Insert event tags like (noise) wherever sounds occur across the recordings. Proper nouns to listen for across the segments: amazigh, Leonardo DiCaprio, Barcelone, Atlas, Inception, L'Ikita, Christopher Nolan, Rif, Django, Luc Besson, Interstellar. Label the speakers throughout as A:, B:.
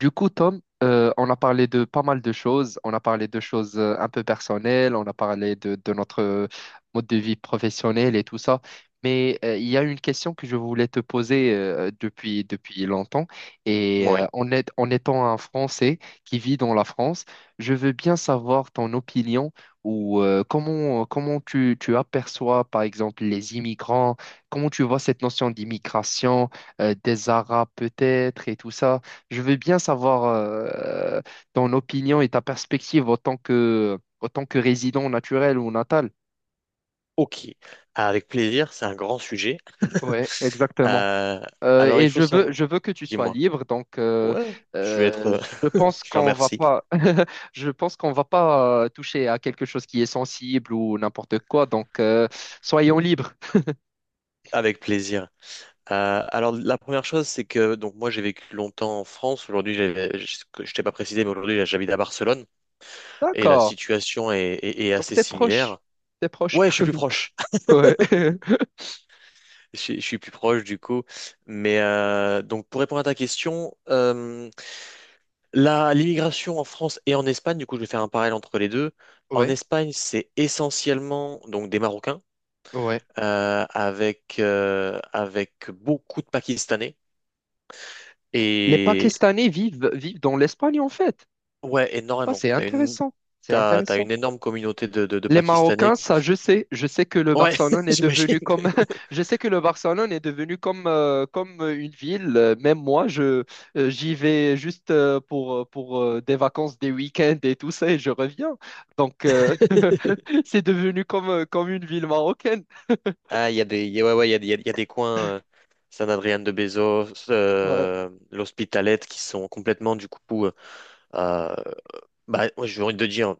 A: Du coup, Tom, on a parlé de pas mal de choses. On a parlé de choses un peu personnelles. On a parlé de notre mode de vie professionnel et tout ça. Mais il y a une question que je voulais te poser depuis longtemps. Et euh,
B: Ouais,
A: en, est- en étant un Français qui vit dans la France, je veux bien savoir ton opinion ou comment tu aperçois, par exemple, les immigrants, comment tu vois cette notion d'immigration, des Arabes peut-être et tout ça. Je veux bien savoir ton opinion et ta perspective autant que résident naturel ou natal.
B: ok. Avec plaisir, c'est un grand sujet. (laughs)
A: Ouais, exactement.
B: Euh,
A: Euh,
B: alors,
A: et
B: il faut savoir.
A: je veux que tu sois
B: Dis-moi.
A: libre, donc
B: Ouais, je vais être.
A: euh, je
B: (laughs)
A: pense
B: Je te
A: qu'on va
B: remercie.
A: pas, (laughs) je pense qu'on va pas toucher à quelque chose qui est sensible ou n'importe quoi, donc soyons libres.
B: Avec plaisir. Alors, la première chose, c'est que donc moi, j'ai vécu longtemps en France. Aujourd'hui, je t'ai pas précisé, mais aujourd'hui, j'habite à Barcelone et la
A: D'accord.
B: situation est
A: Donc
B: assez
A: t'es proche,
B: similaire.
A: t'es proche.
B: Ouais, je suis plus proche.
A: (laughs)
B: (laughs)
A: Ouais, (laughs)
B: Je suis plus proche du coup. Mais donc, pour répondre à ta question, l'immigration en France et en Espagne, du coup, je vais faire un parallèle entre les deux. En
A: ouais,
B: Espagne, c'est essentiellement donc des Marocains
A: ouais.
B: avec beaucoup de Pakistanais
A: Les
B: et
A: Pakistanais vivent, vivent dans l'Espagne en fait.
B: ouais,
A: Bah,
B: énormément.
A: c'est
B: T'as une
A: intéressant, c'est
B: t'as, t'as
A: intéressant.
B: une énorme communauté de
A: Les
B: Pakistanais
A: Marocains, ça
B: qui
A: je sais que le
B: ouais,
A: Barcelone
B: (laughs)
A: est
B: j'imagine.
A: devenu comme, (laughs) je sais que le Barcelone est devenu comme, comme une ville. Même moi, je, j'y vais juste pour des vacances, des week-ends et tout ça, et je reviens. Donc, (laughs) c'est devenu comme, comme une ville marocaine.
B: Ah, il y a des il y a- ouais, ouais, il y a, des- il y a des coins San Adrián de Bezos,
A: Ouais,
B: l'Hospitalet qui sont complètement du coup, bah, ouais, j'ai envie de dire,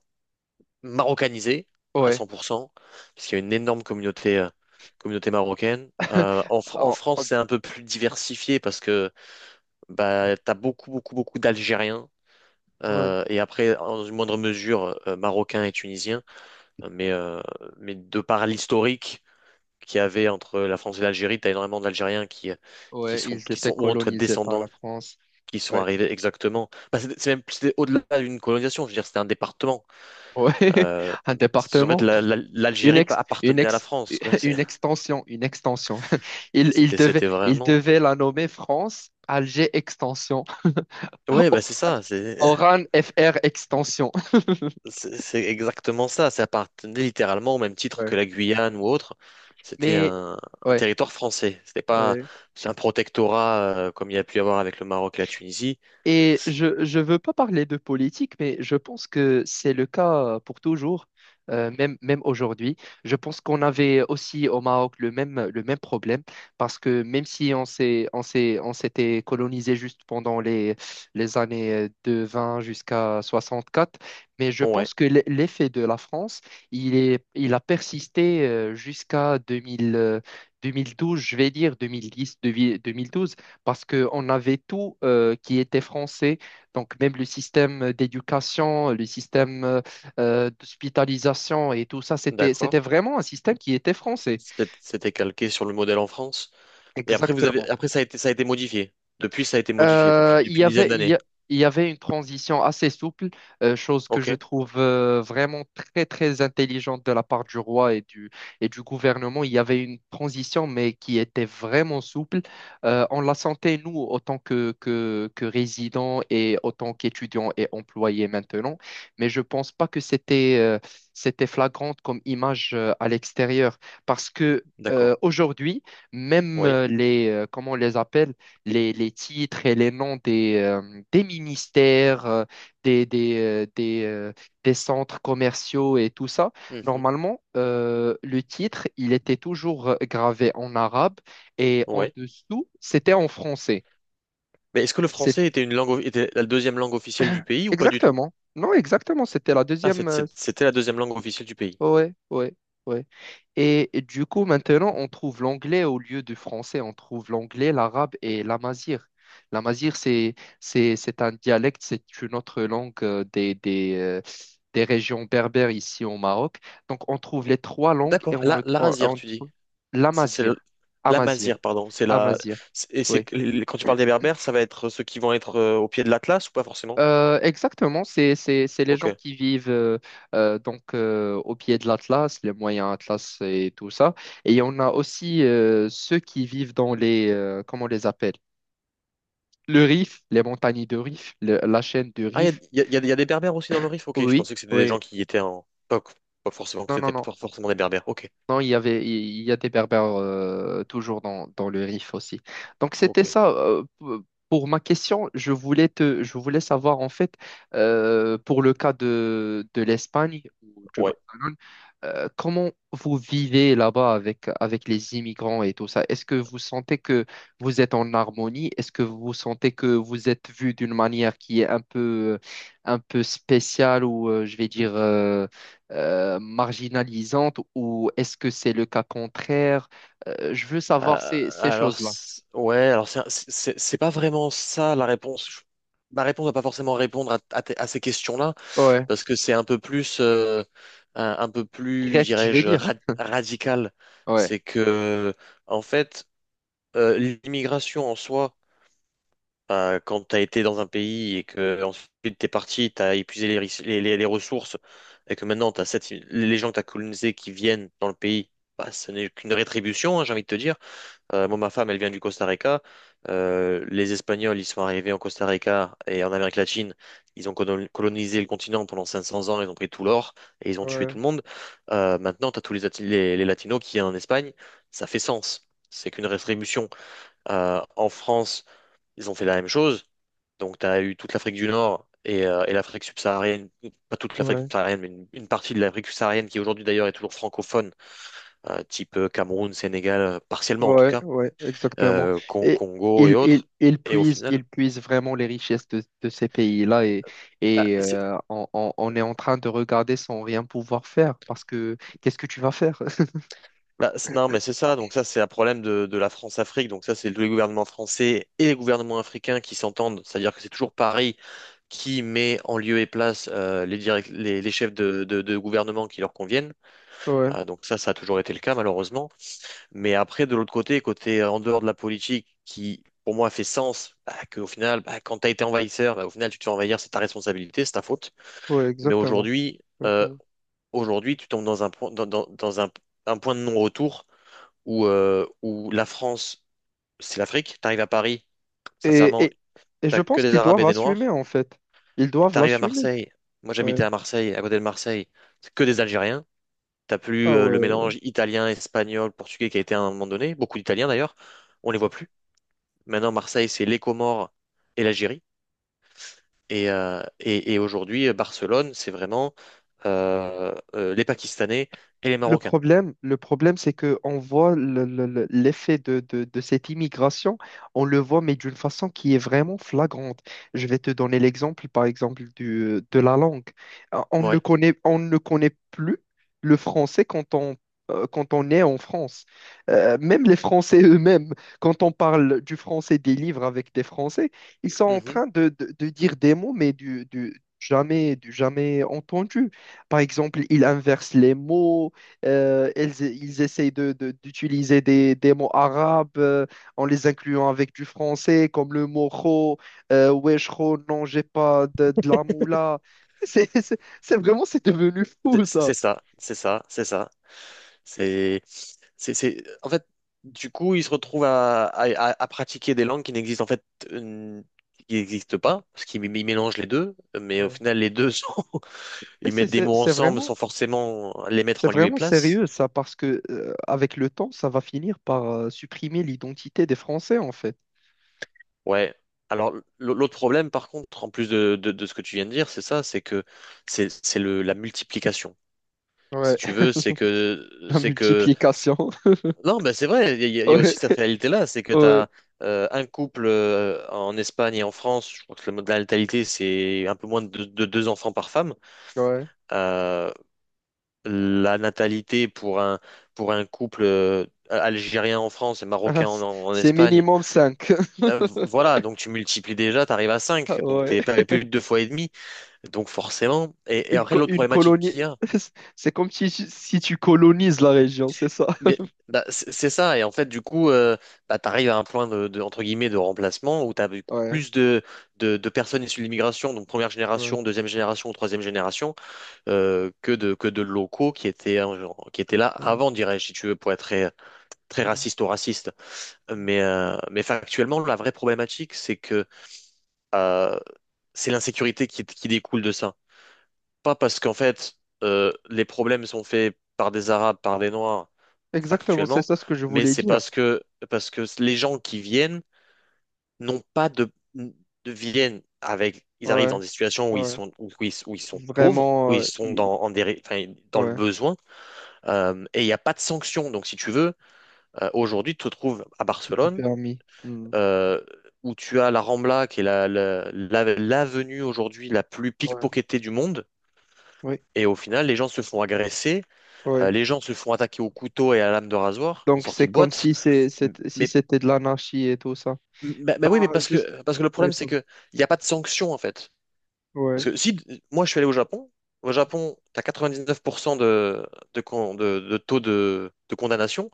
B: marocanisé à
A: ouais.
B: 100%, parce qu'il y a une énorme communauté marocaine. Euh,
A: (laughs)
B: en, Fr- en
A: En-
B: France,
A: en-
B: c'est un peu plus diversifié parce que bah, tu as beaucoup, beaucoup, beaucoup d'Algériens.
A: Ouais.
B: Et après, en une moindre mesure, Marocains et Tunisiens. Mais, euh, mais de par l'historique qu'il y avait entre la France et l'Algérie, tu as énormément d'Algériens qui, qui
A: Ouais,
B: sont,
A: ils
B: qui
A: étaient
B: sont, ou entre
A: colonisés par la
B: descendants
A: France.
B: qui sont
A: Ouais.
B: arrivés exactement. Bah, c'est même c'est au-delà d'une colonisation, je veux dire, c'était un département.
A: Ouais. (laughs)
B: Euh,
A: Un
B: en fait,
A: département.
B: l'Algérie
A: Une
B: appartenait à la
A: ex,
B: France, quoi. (laughs)
A: (laughs) une extension, une extension. (laughs)
B: C'était, c'était
A: Il
B: vraiment.
A: devait la nommer France Alger Extension. (laughs)
B: Ouais, bah c'est
A: Oran,
B: ça, c'est (laughs)
A: Oran FR Extension.
B: c'est exactement ça. Ça appartenait littéralement au même titre que
A: Ouais.
B: la Guyane ou autre. C'était
A: Mais
B: un
A: ouais,
B: territoire français. C'était pas,
A: ouais.
B: c'est un protectorat comme il y a pu y avoir avec le Maroc et la Tunisie.
A: Et je veux pas parler de politique, mais je pense que c'est le cas pour toujours, même, même aujourd'hui. Je pense qu'on avait aussi au Maroc le même problème, parce que même si on s'est, on s'est, on s'était colonisé juste pendant les années de 20 jusqu'à 64, mais je
B: Bon, ouais,
A: pense que l'effet de la France, il est, il a persisté jusqu'à 2000, 2012, je vais dire 2010, 2012, parce qu'on avait tout qui était français, donc même le système d'éducation, le système d'hospitalisation et tout ça, c'était,
B: d'accord.
A: c'était vraiment un système qui était français.
B: C'était calqué sur le modèle en France. Et après, vous avez,
A: Exactement.
B: après ça a été modifié. Depuis, ça a été modifié depuis,
A: Il
B: depuis
A: y
B: une dizaine
A: avait,
B: d'années.
A: il y avait une transition assez souple, chose que
B: Ok,
A: je trouve vraiment très, très intelligente de la part du roi et du gouvernement. Il y avait une transition, mais qui était vraiment souple. On la sentait, nous, autant que, que résidents et autant qu'étudiants et employés maintenant. Mais je pense pas que c'était c'était flagrante comme image à l'extérieur parce que
B: d'accord.
A: aujourd'hui, même
B: Oui.
A: les, comment on les appelle, les titres et les noms des ministères, des, des, euh, des, euh, des centres commerciaux et tout ça,
B: Mhm.
A: normalement, le titre, il était toujours gravé en arabe et en
B: Ouais.
A: dessous, c'était en français.
B: Mais est-ce que le français
A: C'est
B: était une langue, était la deuxième langue officielle du pays ou pas du tout?
A: exactement. Non, exactement, c'était la
B: Ah,
A: deuxième,
B: c'est- c'est- c'était la deuxième langue officielle du pays.
A: Ouais, ouais, ouais. Et du coup, maintenant, on trouve l'anglais au lieu du français. On trouve l'anglais, l'arabe et l'amazir. L'amazir, c'est un dialecte, c'est une autre langue des régions berbères ici au Maroc. Donc, on trouve les trois langues et
B: D'accord. La razir,
A: on
B: tu dis.
A: trouve
B: C'est c'est
A: l'amazigh,
B: le- la
A: amazir.
B: mazir, pardon. C'est la.
A: Amazigh.
B: c'est- Et c'est
A: Oui.
B: que les- quand tu parles des Berbères, ça va être ceux qui vont être au pied de l'Atlas ou pas forcément?
A: Exactement, c'est les gens
B: Ok.
A: qui vivent donc au pied de l'Atlas, les moyens Atlas et tout ça. Et on a aussi ceux qui vivent dans les, comment on les appelle? Le Rif, les montagnes de Rif, la chaîne de
B: Ah, il
A: Rif.
B: y a, y a- y a- y a des Berbères aussi dans le Rif? Ok, je
A: Oui,
B: pensais que c'était des
A: oui.
B: gens qui étaient en. Pas forcément que
A: Non, non,
B: c'était
A: non.
B: pas forcément des Berbères. Ok.
A: Non, il y avait, il y a des Berbères toujours dans, dans le Rif aussi. Donc c'était
B: Ok.
A: ça. Pour ma question, je voulais te, je voulais savoir en fait pour le cas de l'Espagne ou du
B: Ouais.
A: Barcelone, comment vous vivez là-bas avec avec les immigrants et tout ça? Est-ce que vous sentez que vous êtes en harmonie? Est-ce que vous sentez que vous êtes vu d'une manière qui est un peu spéciale ou je vais dire marginalisantes, ou est-ce que c'est le cas contraire? Je veux savoir ces,
B: Euh,
A: ces
B: alors,
A: choses-là.
B: ouais, alors c'est pas vraiment ça la réponse. Ma réponse va pas forcément répondre à ces questions-là,
A: Ouais,
B: parce que c'est un peu plus,
A: direct, je vais
B: dirais-je,
A: dire.
B: radical.
A: Ouais.
B: C'est que, en fait, l'immigration en soi, quand tu as été dans un pays et que ensuite t'es parti, tu as épuisé les, ris- les ressources, et que maintenant les gens que tu as colonisés qui viennent dans le pays, bah, ce n'est qu'une rétribution, hein, j'ai envie de te dire. Moi, ma femme, elle vient du Costa Rica. Les Espagnols, ils sont arrivés en Costa Rica et en Amérique latine. Ils ont colonisé le continent pendant 500 ans. Ils ont pris tout l'or et ils ont tué
A: Ouais,
B: tout le monde. Maintenant, tu as tous les Latinos qui sont en Espagne. Ça fait sens. C'est qu'une rétribution. En France, ils ont fait la même chose. Donc, tu as eu toute l'Afrique du Nord et l'Afrique subsaharienne. Pas toute l'Afrique
A: ouais,
B: subsaharienne, mais une partie de l'Afrique subsaharienne qui aujourd'hui, d'ailleurs, est toujours francophone, type Cameroun, Sénégal, partiellement en tout
A: ouais,
B: cas
A: ouais, exactement. Et
B: Congo et
A: ils, ils,
B: autres.
A: ils
B: Et au
A: puisent,
B: final,
A: ils puise vraiment les richesses de ces pays-là, et
B: bah, c'est-
A: on, on est en train de regarder sans rien pouvoir faire parce que qu'est-ce que tu vas faire? (laughs)
B: bah, non, mais c'est ça. Donc ça, c'est un problème de la France-Afrique. Donc ça, c'est les gouvernements français et les gouvernements africains qui s'entendent. C'est-à-dire que c'est toujours Paris qui met en lieu et place les chefs de gouvernement qui leur conviennent.
A: Ouais,
B: Ah, donc ça a toujours été le cas, malheureusement. Mais après, de l'autre côté, en dehors de la politique qui. Pour moi, fait sens bah, que au final, bah, quand tu as été envahisseur, bah, au final, tu te fais envahir, c'est ta responsabilité, c'est ta faute.
A: ouais,
B: Mais
A: exactement.
B: aujourd'hui, euh,
A: Exactement.
B: aujourd'hui, tu tombes dans un point, dans, dans- dans un point de non-retour où la France, c'est l'Afrique. T'arrives à Paris,
A: Et,
B: sincèrement,
A: et, et je
B: t'as que
A: pense
B: des
A: qu'ils
B: Arabes
A: doivent
B: et des
A: assumer,
B: Noirs.
A: en fait. Ils
B: Et
A: doivent
B: t'arrives à
A: l'assumer.
B: Marseille, moi j'habitais
A: Ouais.
B: à Marseille, à côté de Marseille, c'est que des Algériens. T'as plus
A: Ah
B: le
A: ouais.
B: mélange italien, espagnol, portugais qui a été à un moment donné, beaucoup d'Italiens d'ailleurs, on les voit plus. Maintenant, Marseille, c'est les Comores et l'Algérie. Et aujourd'hui, Barcelone, c'est vraiment les Pakistanais et les Marocains.
A: Le problème, c'est que on voit l'effet de, de cette immigration, on le voit, mais d'une façon qui est vraiment flagrante. Je vais te donner l'exemple, par exemple, du, de la langue.
B: Ouais.
A: On ne connaît plus le français quand on, quand on est en France. Même les Français eux-mêmes, quand on parle du français des livres avec des Français, ils sont en train de, de dire des mots, mais du jamais entendu. Par exemple, ils inversent les mots. Ils essayent de, d'utiliser des mots arabes en les incluant avec du français, comme le mot ro, wesh ro, non, j'ai pas de, de la moula. C'est (laughs) c'est vraiment, c'est devenu fou
B: C'est
A: ça.
B: c'est ça, c'est ça, c'est ça. C'est, En fait, du coup, ils se retrouvent à pratiquer des langues qui n'existent en fait, euh, qui n'existent pas, parce qu'ils mélangent les deux, mais au
A: Ouais.
B: final, les deux, (laughs)
A: Mais
B: ils mettent des mots ensemble sans forcément les mettre
A: c'est
B: en lieu et
A: vraiment
B: place.
A: sérieux ça, parce que avec le temps, ça va finir par supprimer l'identité des Français en fait.
B: Ouais. Alors, l'autre problème, par contre, en plus de ce que tu viens de dire, c'est ça, c'est que c'est la multiplication. Si
A: Ouais.
B: tu veux, c'est que,
A: (laughs) La
B: c'est que
A: multiplication.
B: non, mais c'est vrai, il y, a
A: (laughs)
B: il y a
A: Ouais,
B: aussi cette réalité-là, c'est que tu
A: ouais,
B: as un couple en Espagne et en France, je crois que le mode de la natalité, c'est un peu moins de deux enfants par femme.
A: ouais.
B: Euh, la natalité pour un couple algérien en France et
A: Ah,
B: marocain en,
A: c-
B: en- en
A: c'est
B: Espagne,
A: minimum
B: voilà, donc tu multiplies déjà, tu arrives à
A: (laughs)
B: cinq. Donc tu n'es pas
A: 5.
B: plus de deux fois et demi, donc forcément. Et
A: Une,
B: après, l'autre
A: une
B: problématique
A: colonie.
B: qu'il y a,
A: (laughs) C'est comme si, si tu colonises la région, c'est ça?
B: Mais, bah, c'est ça, et en fait, du coup, bah, tu arrives à un point de, entre guillemets, de remplacement où tu as
A: Ouais,
B: plus de, de personnes issues de l'immigration, donc première
A: ouais,
B: génération, deuxième génération ou troisième génération, que de locaux genre, qui étaient là
A: ouais,
B: avant, dirais-je, si tu veux, pour être très, très
A: ouais.
B: raciste ou raciste. Mais factuellement, la vraie problématique, c'est que euh, c'est l'insécurité qui découle de ça. Pas parce qu'en fait, les problèmes sont faits par des Arabes, par des Noirs,
A: Exactement, c'est
B: factuellement,
A: ça ce que je
B: mais
A: voulais
B: c'est
A: dire.
B: parce que les gens qui viennent n'ont pas de viennent avec, ils arrivent
A: Ouais,
B: dans des situations où ils
A: ouais.
B: sont, où, ils, où ils sont pauvres, où
A: Vraiment,
B: ils sont enfin, dans le
A: ouais,
B: besoin, et il n'y a pas de sanction. Donc, si tu veux, aujourd'hui, tu te trouves à
A: tout est
B: Barcelone,
A: permis. Hmm.
B: euh, où tu as la Rambla, qui est l'avenue aujourd'hui la plus
A: Ouais,
B: pickpocketée du monde.
A: oui,
B: Et au final, les gens se font agresser. Euh,
A: ouais.
B: les gens se font attaquer au couteau et à la lame de rasoir en
A: Donc
B: sortie
A: c'est
B: de
A: comme
B: boîte.
A: si c'est,
B: M-
A: si
B: Mais,
A: c'était de l'anarchie et tout ça.
B: bah, oui, mais
A: Bah,
B: parce
A: juste,
B: que, parce que le
A: ouais,
B: problème, c'est
A: Tom.
B: qu'il n'y a pas de sanction, en fait. Parce
A: Ouais.
B: que si moi, je suis allé au Japon, tu as 99% de taux de condamnation.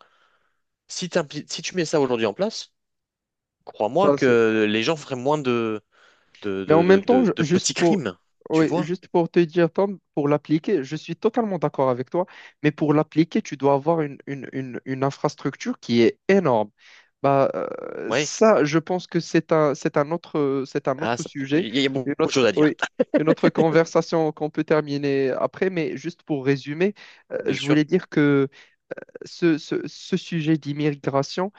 B: Si tu mets ça aujourd'hui en place, crois-moi que les gens feraient moins de, de,
A: Mais en
B: de, de,
A: même temps,
B: de- de
A: juste
B: petits
A: pour,
B: crimes, tu
A: oui,
B: vois?
A: juste pour te dire, Tom, pour l'appliquer, je suis totalement d'accord avec toi, mais pour l'appliquer, tu dois avoir une, une infrastructure qui est énorme. Bah,
B: Oui.
A: ça, je pense que c'est un
B: Ah,
A: autre sujet,
B: il y a beaucoup
A: une
B: de choses
A: autre,
B: à dire,
A: oui, une autre conversation qu'on peut terminer après, mais juste pour résumer,
B: (laughs) bien
A: je
B: sûr.
A: voulais dire que ce sujet d'immigration,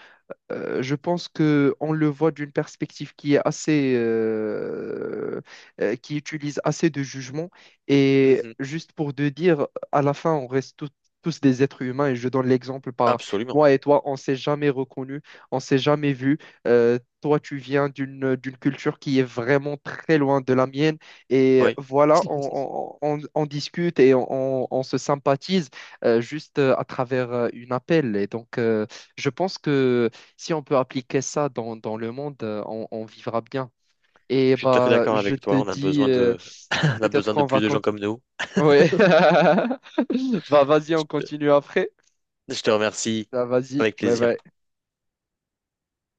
A: je pense que on le voit d'une perspective qui est assez, qui utilise assez de jugement. Et
B: Mhm.
A: juste pour te dire, à la fin, on reste tous des êtres humains. Et je donne l'exemple par
B: Absolument.
A: moi et toi, on s'est jamais reconnus, on s'est jamais vus. Toi, tu viens d'une d'une culture qui est vraiment très loin de la mienne. Et
B: Oui.
A: voilà, on, on discute et on, on se sympathise juste à travers une appel. Et donc, je pense que si on peut appliquer ça dans, dans le monde, on vivra bien. Et
B: Je suis tout à fait
A: bah,
B: d'accord
A: je
B: avec
A: te
B: toi. On a
A: dis,
B: besoin de, On a
A: peut-être
B: besoin de
A: qu'on
B: plus
A: va
B: de gens
A: continuer.
B: comme nous.
A: Ouais.
B: (laughs)
A: (laughs) Bah, vas-y,
B: Je
A: on
B: te
A: continue après.
B: je te remercie
A: Bah, vas-y.
B: avec
A: Ouais,
B: plaisir.
A: ouais.